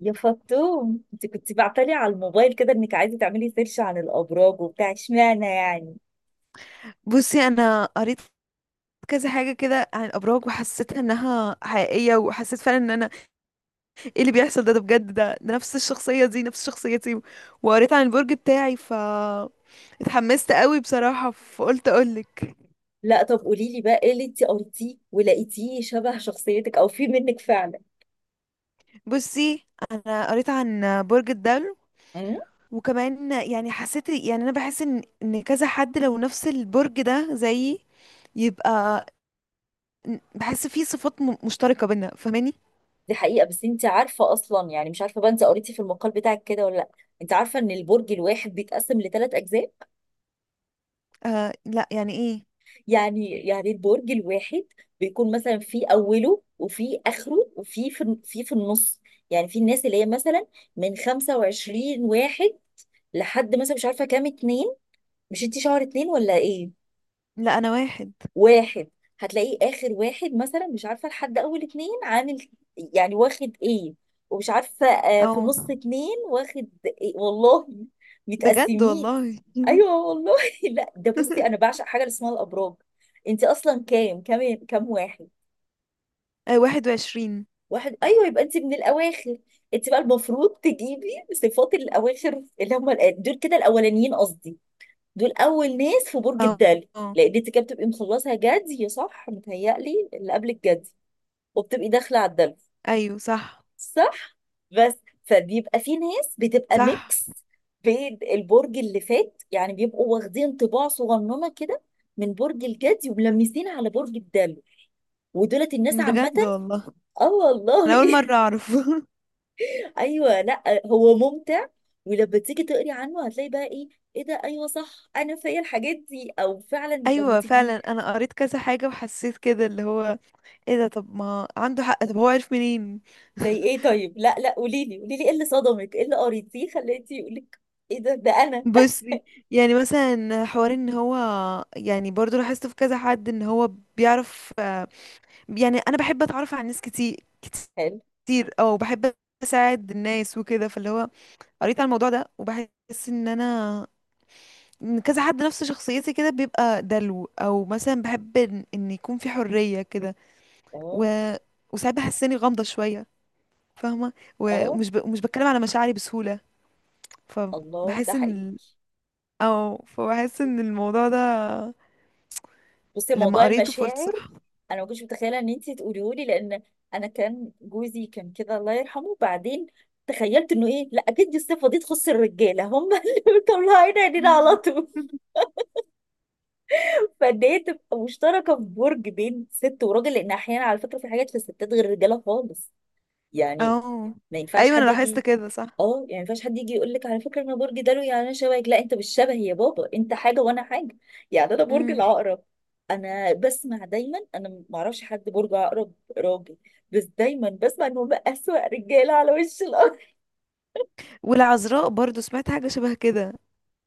يا فطوم، انت كنت بعتلي على الموبايل كده انك عايزه تعملي سيرش عن الابراج وبتاع، اشمعنى يعني؟ بصي، انا قريت كذا حاجه كده عن الابراج وحسيت انها حقيقيه وحسيت فعلا ان انا ايه اللي بيحصل؟ ده بجد. ده نفس الشخصيه دي نفس شخصيتي. وقريت عن البرج بتاعي ف اتحمست قوي بصراحه فقلت اقولك. لا طب قولي لي بقى ايه اللي انت قريتيه ولقيتيه شبه شخصيتك او في منك فعلا؟ بصي انا قريت عن برج الدلو. امم وكمان يعني حسيت يعني انا بحس ان كذا حد لو نفس البرج ده زيي يبقى بحس فيه صفات مشتركه بينا، فاهماني؟ دي حقيقه، بس انت عارفه اصلا؟ يعني مش عارفه بقى انت قريتي في المقال بتاعك كده ولا لا. انت عارفه ان البرج الواحد بيتقسم لثلاث اجزاء؟ آه، لا يعني ايه. يعني البرج الواحد بيكون مثلا في اوله وفي اخره وفي في النص. يعني في الناس اللي هي مثلا من 25 واحد لحد مثلا مش عارفه كام، اتنين. مش انت شهر اتنين ولا ايه؟ لا انا واحد. واحد، هتلاقيه اخر واحد مثلا مش عارفه لحد اول اتنين، عامل يعني واخد ايه، ومش عارفه في اه نص اتنين واخد إيه والله. بجد متقسمين. والله. ايوه والله. لا ده بصي، انا بعشق حاجه اللي اسمها الابراج. انت اصلا كام واحد؟ آه، واحد وعشرين. واحد، ايوه، يبقى انت من الاواخر. انت بقى المفروض تجيبي صفات الاواخر اللي هم دول كده. الاولانيين قصدي. دول اول ناس في برج اه، الدلي، آه، لان انت كده بتبقي مخلصه جدي، صح؟ متهيألي اللي قبل الجدي، وبتبقي داخله على الدلي. ايوه صح. صح؟ بس فبيبقى في ناس بتبقى صح ميكس بين البرج اللي فات، يعني بيبقوا واخدين طباع صغننه كده من برج الجدي وملمسين على برج الدلي. ودولت الناس عامه. بجد والله. اه انا اول والله. مرة اعرف. ايوه، لا هو ممتع، ولما تيجي تقري عنه هتلاقي بقى ايه؟ ايه ده، ايوه صح، انا فيا الحاجات دي، او فعلا لما ايوه تيجي. فعلا انا قريت كذا حاجة وحسيت كده اللي هو ايه ده. طب ما عنده حق، طب هو عارف منين؟ زي ايه طيب؟ لا لا، قولي لي، قولي لي، ايه اللي صدمك، ايه اللي قريتيه خليتي يقولك ايه ده، ده انا. بصي، يعني مثلا حوار ان هو، يعني برضو لاحظت في كذا حد ان هو بيعرف آه،. يعني انا بحب اتعرف على ناس كتير حلو. كتير، او بحب اساعد الناس وكده فاللي هو قريت على الموضوع ده وبحس ان انا إن كذا حد نفس شخصيتي كده بيبقى دلو، او مثلا بحب ان إن يكون في حرية كده. و... اه. وساعات بحس اني غامضة شوية، فاهمة. اه. ومش ومش بتكلم على مشاعري بسهولة. الله، ده فبحس حقيقي. ان او فبحس ان الموضوع ده بصي، لما موضوع قريته فقلت المشاعر صح. انا ما كنتش متخيله ان انت تقوليه لي، لان انا كان جوزي كان كده، الله يرحمه، بعدين تخيلت انه ايه، لا اكيد دي الصفه دي تخص الرجاله هم اللي مطلعين عينينا على مم. طول. فان هي تبقى مشتركه في برج بين ست وراجل، لان احيانا على فكره في حاجات في الستات غير الرجاله خالص. يعني او ما ينفعش ايوه انا حد لاحظت يجي. كده صح. اه يعني ما ينفعش حد يجي يقول لك على فكره انا برج دلو، يعني انا شبهك. لا، انت مش شبه يا بابا، انت حاجه وانا حاجه. يعني انا برج مم. العقرب، انا بسمع دايما، انا ما اعرفش حد برج عقرب راجل، بس دايما بسمع ان هم اسوأ رجاله على وش الارض. والعذراء برضو سمعت حاجة شبه كده.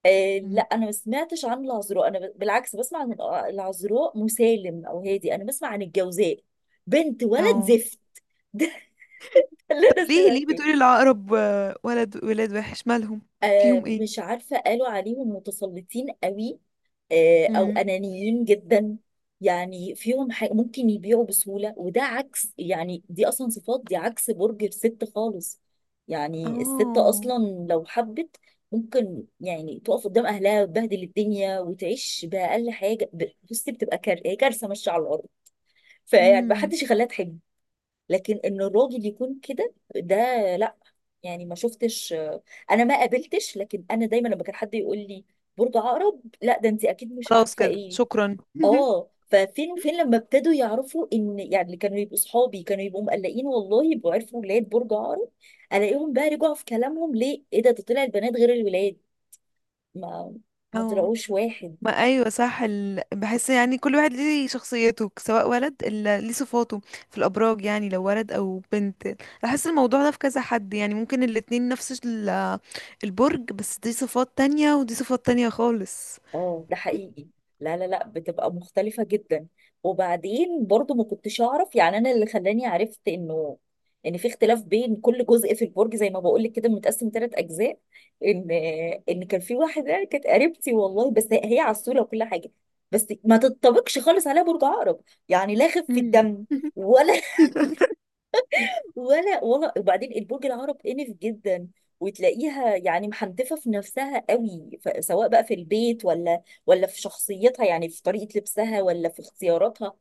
آه لا، مم. انا ما سمعتش عن العذراء، انا بالعكس بسمع عن العذراء مسالم او هادي، انا بسمع عن الجوزاء بنت ولد او زفت. ده اللي طب انا ليه سمعته. بتقولي العقرب؟ آه، ولد ولاد وحش مالهم؟ آه فيهم ايه؟ مش عارفه، قالوا عليهم متسلطين قوي، او امم. انانيين جدا. يعني فيهم حاجة ممكن يبيعوا بسهولة، وده عكس، يعني دي اصلا صفات دي عكس برج الست خالص. يعني الست اه. اصلا لو حبت ممكن يعني تقف قدام اهلها وتبهدل الدنيا وتعيش باقل حاجه. بصي بتبقى هي كارثه ماشيه على الارض. فيعني ما امم. حدش يخليها تحب. لكن ان الراجل يكون كده، ده لا. يعني ما شفتش. انا ما قابلتش، لكن انا دايما لما كان حد يقول لي برج عقرب، لا ده انت اكيد مش خلاص عارفه كده، ايه. شكرا. اه ففين وفين لما ابتدوا يعرفوا ان يعني اللي كانوا يبقوا صحابي كانوا يبقوا مقلقين، والله يبقوا عرفوا ولاد برج عقرب. الاقيهم بقى رجعوا في كلامهم، ليه؟ ايه ده، ده طلع البنات غير الولاد، ما ما اه. طلعوش واحد. ما ايوه صح. بحس يعني كل واحد ليه شخصيته، سواء ولد ليه صفاته في الابراج، يعني لو ولد او بنت. بحس الموضوع ده في كذا حد يعني ممكن الاتنين نفس البرج، بس دي صفات تانية ودي صفات تانية خالص. اه ده حقيقي. لا لا لا، بتبقى مختلفة جدا. وبعدين برضو ما كنتش اعرف، يعني انا اللي خلاني عرفت انه ان في اختلاف بين كل جزء في البرج، زي ما بقول لك كده متقسم ثلاث اجزاء، ان ان كان في واحدة كانت قريبتي والله، بس هي عسولة وكل حاجة، بس ما تتطابقش خالص عليها برج عقرب. يعني لا خفة امم. دم، ولا ولا ولا. وبعدين البرج العرب انف جدا، وتلاقيها يعني محنتفه في نفسها قوي، سواء بقى في البيت، ولا ولا في شخصيتها، يعني في طريقه لبسها، ولا في اختياراتها.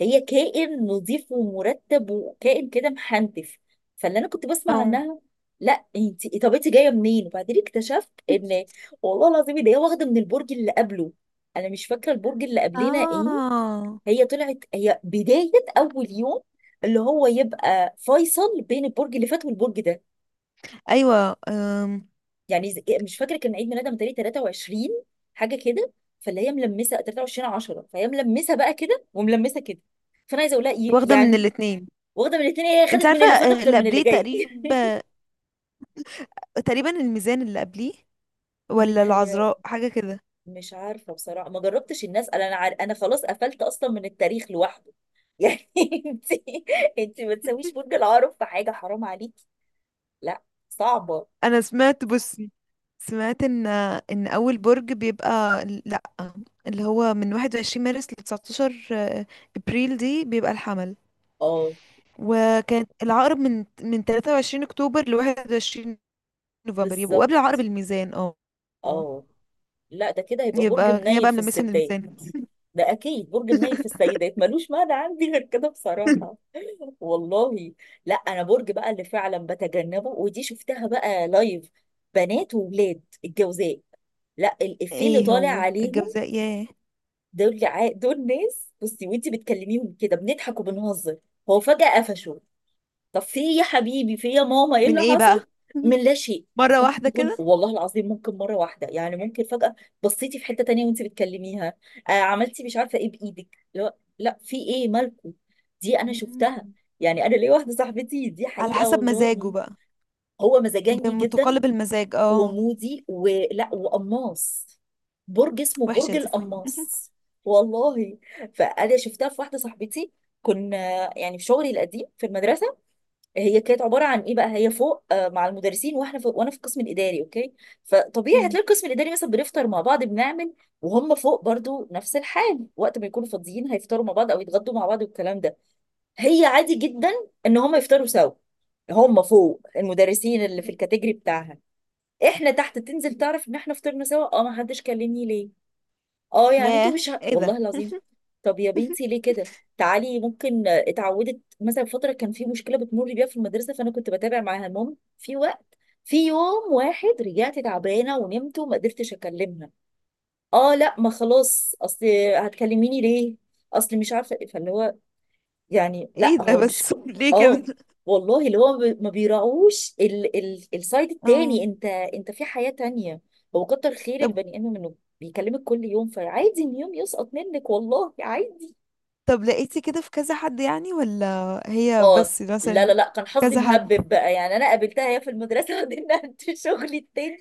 هي كائن نظيف ومرتب، وكائن كده محنتف. فاللي انا كنت بسمع او عنها، لا انت، طب انت جايه منين؟ وبعدين اكتشفت ان، والله العظيم، ان هي واخده من البرج اللي قبله. انا مش فاكره البرج اللي قبلنا ايه. اه هي طلعت هي بداية أول يوم اللي هو يبقى فيصل بين البرج اللي فات والبرج ده. ايوه يعني مش فاكرة كان عيد ميلادها متهيألي 23 حاجة كده. فاللي هي ملمسة 23 10، فهي ملمسة بقى كده وملمسة كده. فأنا عايزة أقول لها، واخده من يعني الاتنين. واخدة من الاتنين، هي انت خدت من عارفه اللي فات آه، أكتر اللي من اللي قبليه جاي. تقريبا. تقريبا الميزان اللي قبليه، ولا متهيألي. العذراء حاجة كده. مش عارفة بصراحة، ما جربتش الناس. أنا أنا أنا خلاص قفلت أصلا من التاريخ لوحده. يعني أنت، أنت ما تسويش برج العقرب في حاجة، حرام عليكي. لا، صعبة. انا سمعت، بصي، سمعت ان اول برج بيبقى لا اللي هو من 21 مارس ل 19 ابريل دي بيبقى الحمل. اه وكان العقرب من 23 اكتوبر ل 21 نوفمبر، يبقوا قبل بالظبط. عقرب الميزان اه. اه. لا ده كده هيبقى برج يبقى هي منيل بقى في ملمسة من الستات. الميزان. ده اكيد برج منيل في السيدات، ملوش معنى عندي غير كده بصراحه. والله. لا انا برج بقى اللي فعلا بتجنبه، ودي شفتها بقى لايف، بنات وولاد الجوزاء. لا الافيه اللي ايه طالع هو عليهم. الجوزاء ياه؟ دول دول ناس بصي، وانت بتكلميهم كده بنضحك وبنهزر، هو فجأة قفشوا. طب في ايه يا حبيبي، في ايه يا ماما، ايه من اللي ايه بقى؟ حصل، من لا شيء؟ مرة ممكن واحدة تكون، كده. والله العظيم ممكن مره واحده، يعني ممكن فجاه بصيتي في حته تانية وانت بتكلميها، آه عملتي مش عارفه ايه بايدك، لا لا في ايه مالكم؟ دي انا شفتها. مم. يعني انا ليا واحده صاحبتي، دي على حقيقه حسب مزاجه والله. بقى. هو مزاجنجي جدا، بمتقلب المزاج اه. ومودي، ولا وقماص، برج اسمه وحشة برج دي. القماص والله. فانا شفتها في واحده صاحبتي، كنا يعني في شغلي القديم في المدرسه. هي كانت عباره عن ايه بقى، هي فوق مع المدرسين، واحنا في، وانا في القسم الاداري، اوكي. فطبيعي مم. هتلاقي القسم الاداري مثلا بنفطر مع بعض، بنعمل، وهم فوق برضو نفس الحال، وقت ما يكونوا فاضيين هيفطروا مع بعض او يتغدوا مع بعض والكلام ده. هي عادي جدا ان هم يفطروا سوا، هم فوق المدرسين اللي في الكاتيجري بتاعها، احنا تحت. تنزل تعرف ان احنا فطرنا سوا، اه ما حدش كلمني ليه؟ اه، يعني انتوا ياه مش ايه ده؟ والله العظيم. طب يا بنتي ليه كده؟ تعالي ممكن، اتعودت مثلا فتره كان في مشكله بتمر بيها في المدرسه، فانا كنت بتابع معاها. المهم في وقت، في يوم واحد رجعت تعبانه ونمت وما قدرتش اكلمها. اه لا، ما خلاص، اصل هتكلميني ليه، اصل مش عارفه إيه. فاللي هو يعني ايه لا ده هو مش، بس؟ ليه اه كده؟ والله اللي هو ما بيراعوش السايد اه. التاني، انت انت في حياة تانية. هو كتر خير طب البني ادم انه بيكلمك كل يوم، فعادي ان يوم يسقط منك والله، عادي. طب لقيتي كده في كذا حد يعني، ولا هي اه بس لا لا مثلا؟ لا، كان حظي كذا حد مهبب بقى، يعني انا قابلتها هي في المدرسه عندنا في شغلي التاني.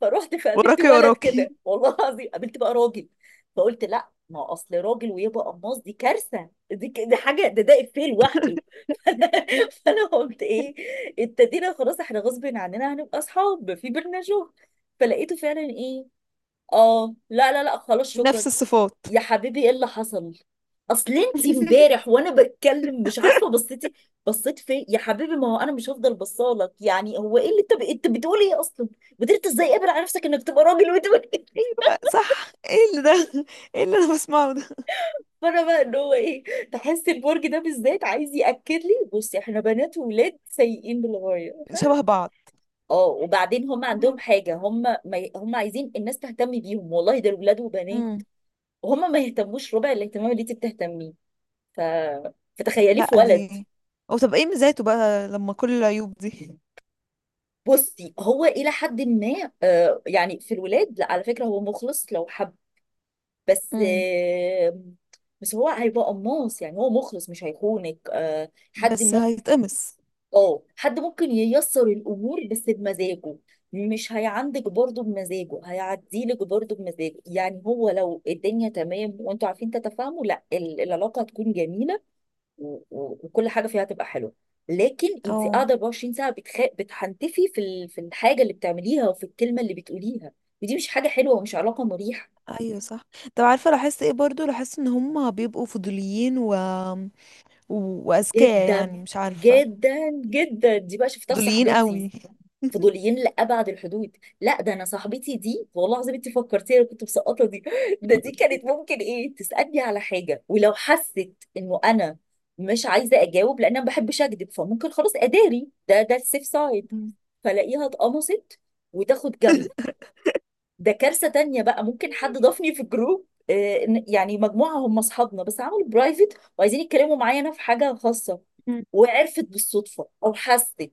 فروحت فقابلت وراكي ولد كده، وراكي، والله العظيم قابلت بقى راجل، فقلت لا، ما هو اصل راجل ويبقى قماص، دي كارثه، دي دي حاجه، ده ده افيه لوحده. فانا قلت ايه، ابتدينا خلاص احنا غصب عننا هنبقى اصحاب، في بينا شغل. فلقيته فعلا ايه، اه لا لا لا، خلاص شكرا. نفس الصفات. يا حبيبي ايه اللي حصل؟ اصل انت امبارح وانا بتكلم مش عارفه بصيتي، بصيت فين يا حبيبي، ما هو انا مش هفضل بصالك يعني. هو ايه اللي انت انت بتقول ايه اصلا؟ قدرت ازاي قابل على نفسك انك تبقى راجل وتقول إيه؟ ايه بقى صح، ايه اللي ده؟ ايه اللي انا بسمعه ده؟ فانا بقى ان هو ايه، تحس البرج ده بالذات عايز ياكد لي بصي احنا بنات وولاد سيئين للغايه. شبه بعض. اه. وبعدين هم عندهم حاجة، هم ما ي- هم عايزين الناس تهتم بيهم والله، ده ولاد وبنات، امم. وهم ما يهتموش ربع الاهتمام اللي انت بتهتميه. ف... فتخيليه في لا ولد. دي. او طب ايه ميزاته بقى لما كل العيوب دي؟ بصي هو إلى حد ما آه يعني في الولاد، لا على فكرة هو مخلص لو حب. بس امم. آه، بس هو هيبقى قماص، يعني هو مخلص مش هيخونك، آه حد بس ممكن، هيتقمص. اه حد ممكن ييسر الامور بس بمزاجه. مش هيعندك برضه بمزاجه، هيعديلك برضه بمزاجه، يعني هو لو الدنيا تمام وانتوا عارفين تتفاهموا، لا العلاقه هتكون جميله، وكل حاجه فيها هتبقى حلوه. لكن انت اه قاعده 24 ساعه بتحنتفي في في الحاجه اللي بتعمليها وفي الكلمه اللي بتقوليها، ودي مش حاجه حلوه، ومش علاقه مريحه. ايوه صح. طب عارفه لاحظت ايه برضو؟ لاحظت ان هم بيبقوا فضوليين و وأذكياء جدا يعني، مش عارفة. جدا جدا، دي بقى شفتها في فضوليين صاحبتي، قوي. فضوليين لأبعد الحدود. لا ده أنا صاحبتي دي والله العظيم، أنت فكرتيها، أنا كنت مسقطة دي. ده دي كانت ممكن إيه، تسألني على حاجة ولو حست إنه أنا مش عايزة أجاوب، لأن أنا ما بحبش أكذب، فممكن خلاص أداري، ده ده السيف سايد. مم. فلاقيها اتقمصت وتاخد جنب. ده كارثة تانية بقى، ممكن حد ضافني في جروب، يعني مجموعة هم أصحابنا بس عملوا برايفت، وعايزين يتكلموا معايا أنا في حاجة خاصة، مم. وعرفت بالصدفة أو حست.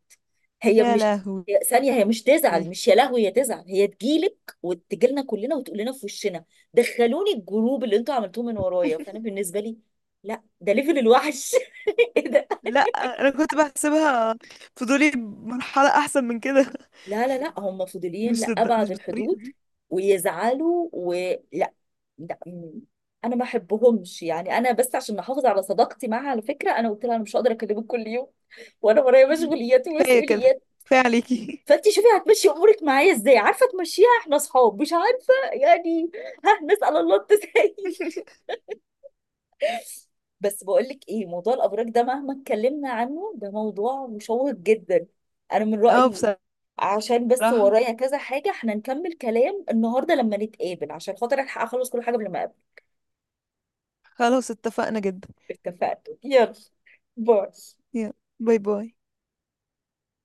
هي يا مش، لهوي. ثانية، هي مش تزعل، مش يا لهوي، هي تزعل، هي تجيلك وتجيلنا كلنا وتقول لنا في وشنا: دخلوني الجروب اللي انتوا عملتوه من ورايا. فأنا بالنسبة لي، لا ده ليفل الوحش. لا انا كنت بحسبها فضولي مرحلة احسن من كده. لا لا لا، هم فضوليين مش مش لأبعد بالطريقة الحدود، دي. ويزعلوا ولا لا. م- انا ما بحبهمش يعني، انا بس عشان احافظ على صداقتي معاها، على فكره انا قلت لها انا مش هقدر اكلمك كل يوم، وانا ورايا مم. مشغوليات كفاية كده، ومسؤوليات. كفاية عليكي. فانت شوفي هتمشي امورك معايا ازاي، عارفه تمشيها احنا اصحاب، مش عارفه يعني. ها نسال الله التسهيل. بس بقولك ايه، موضوع الابراج ده مهما اتكلمنا عنه، ده موضوع مشوق جدا، انا من رايي. اه عشان بس بصراحة ورايا كذا حاجه، احنا نكمل كلام النهارده لما نتقابل عشان خاطر الحق اخلص كل حاجه قبل ما اقابل. خلاص اتفقنا جدا. اتفقنا، يلا، باي. يلا باي باي.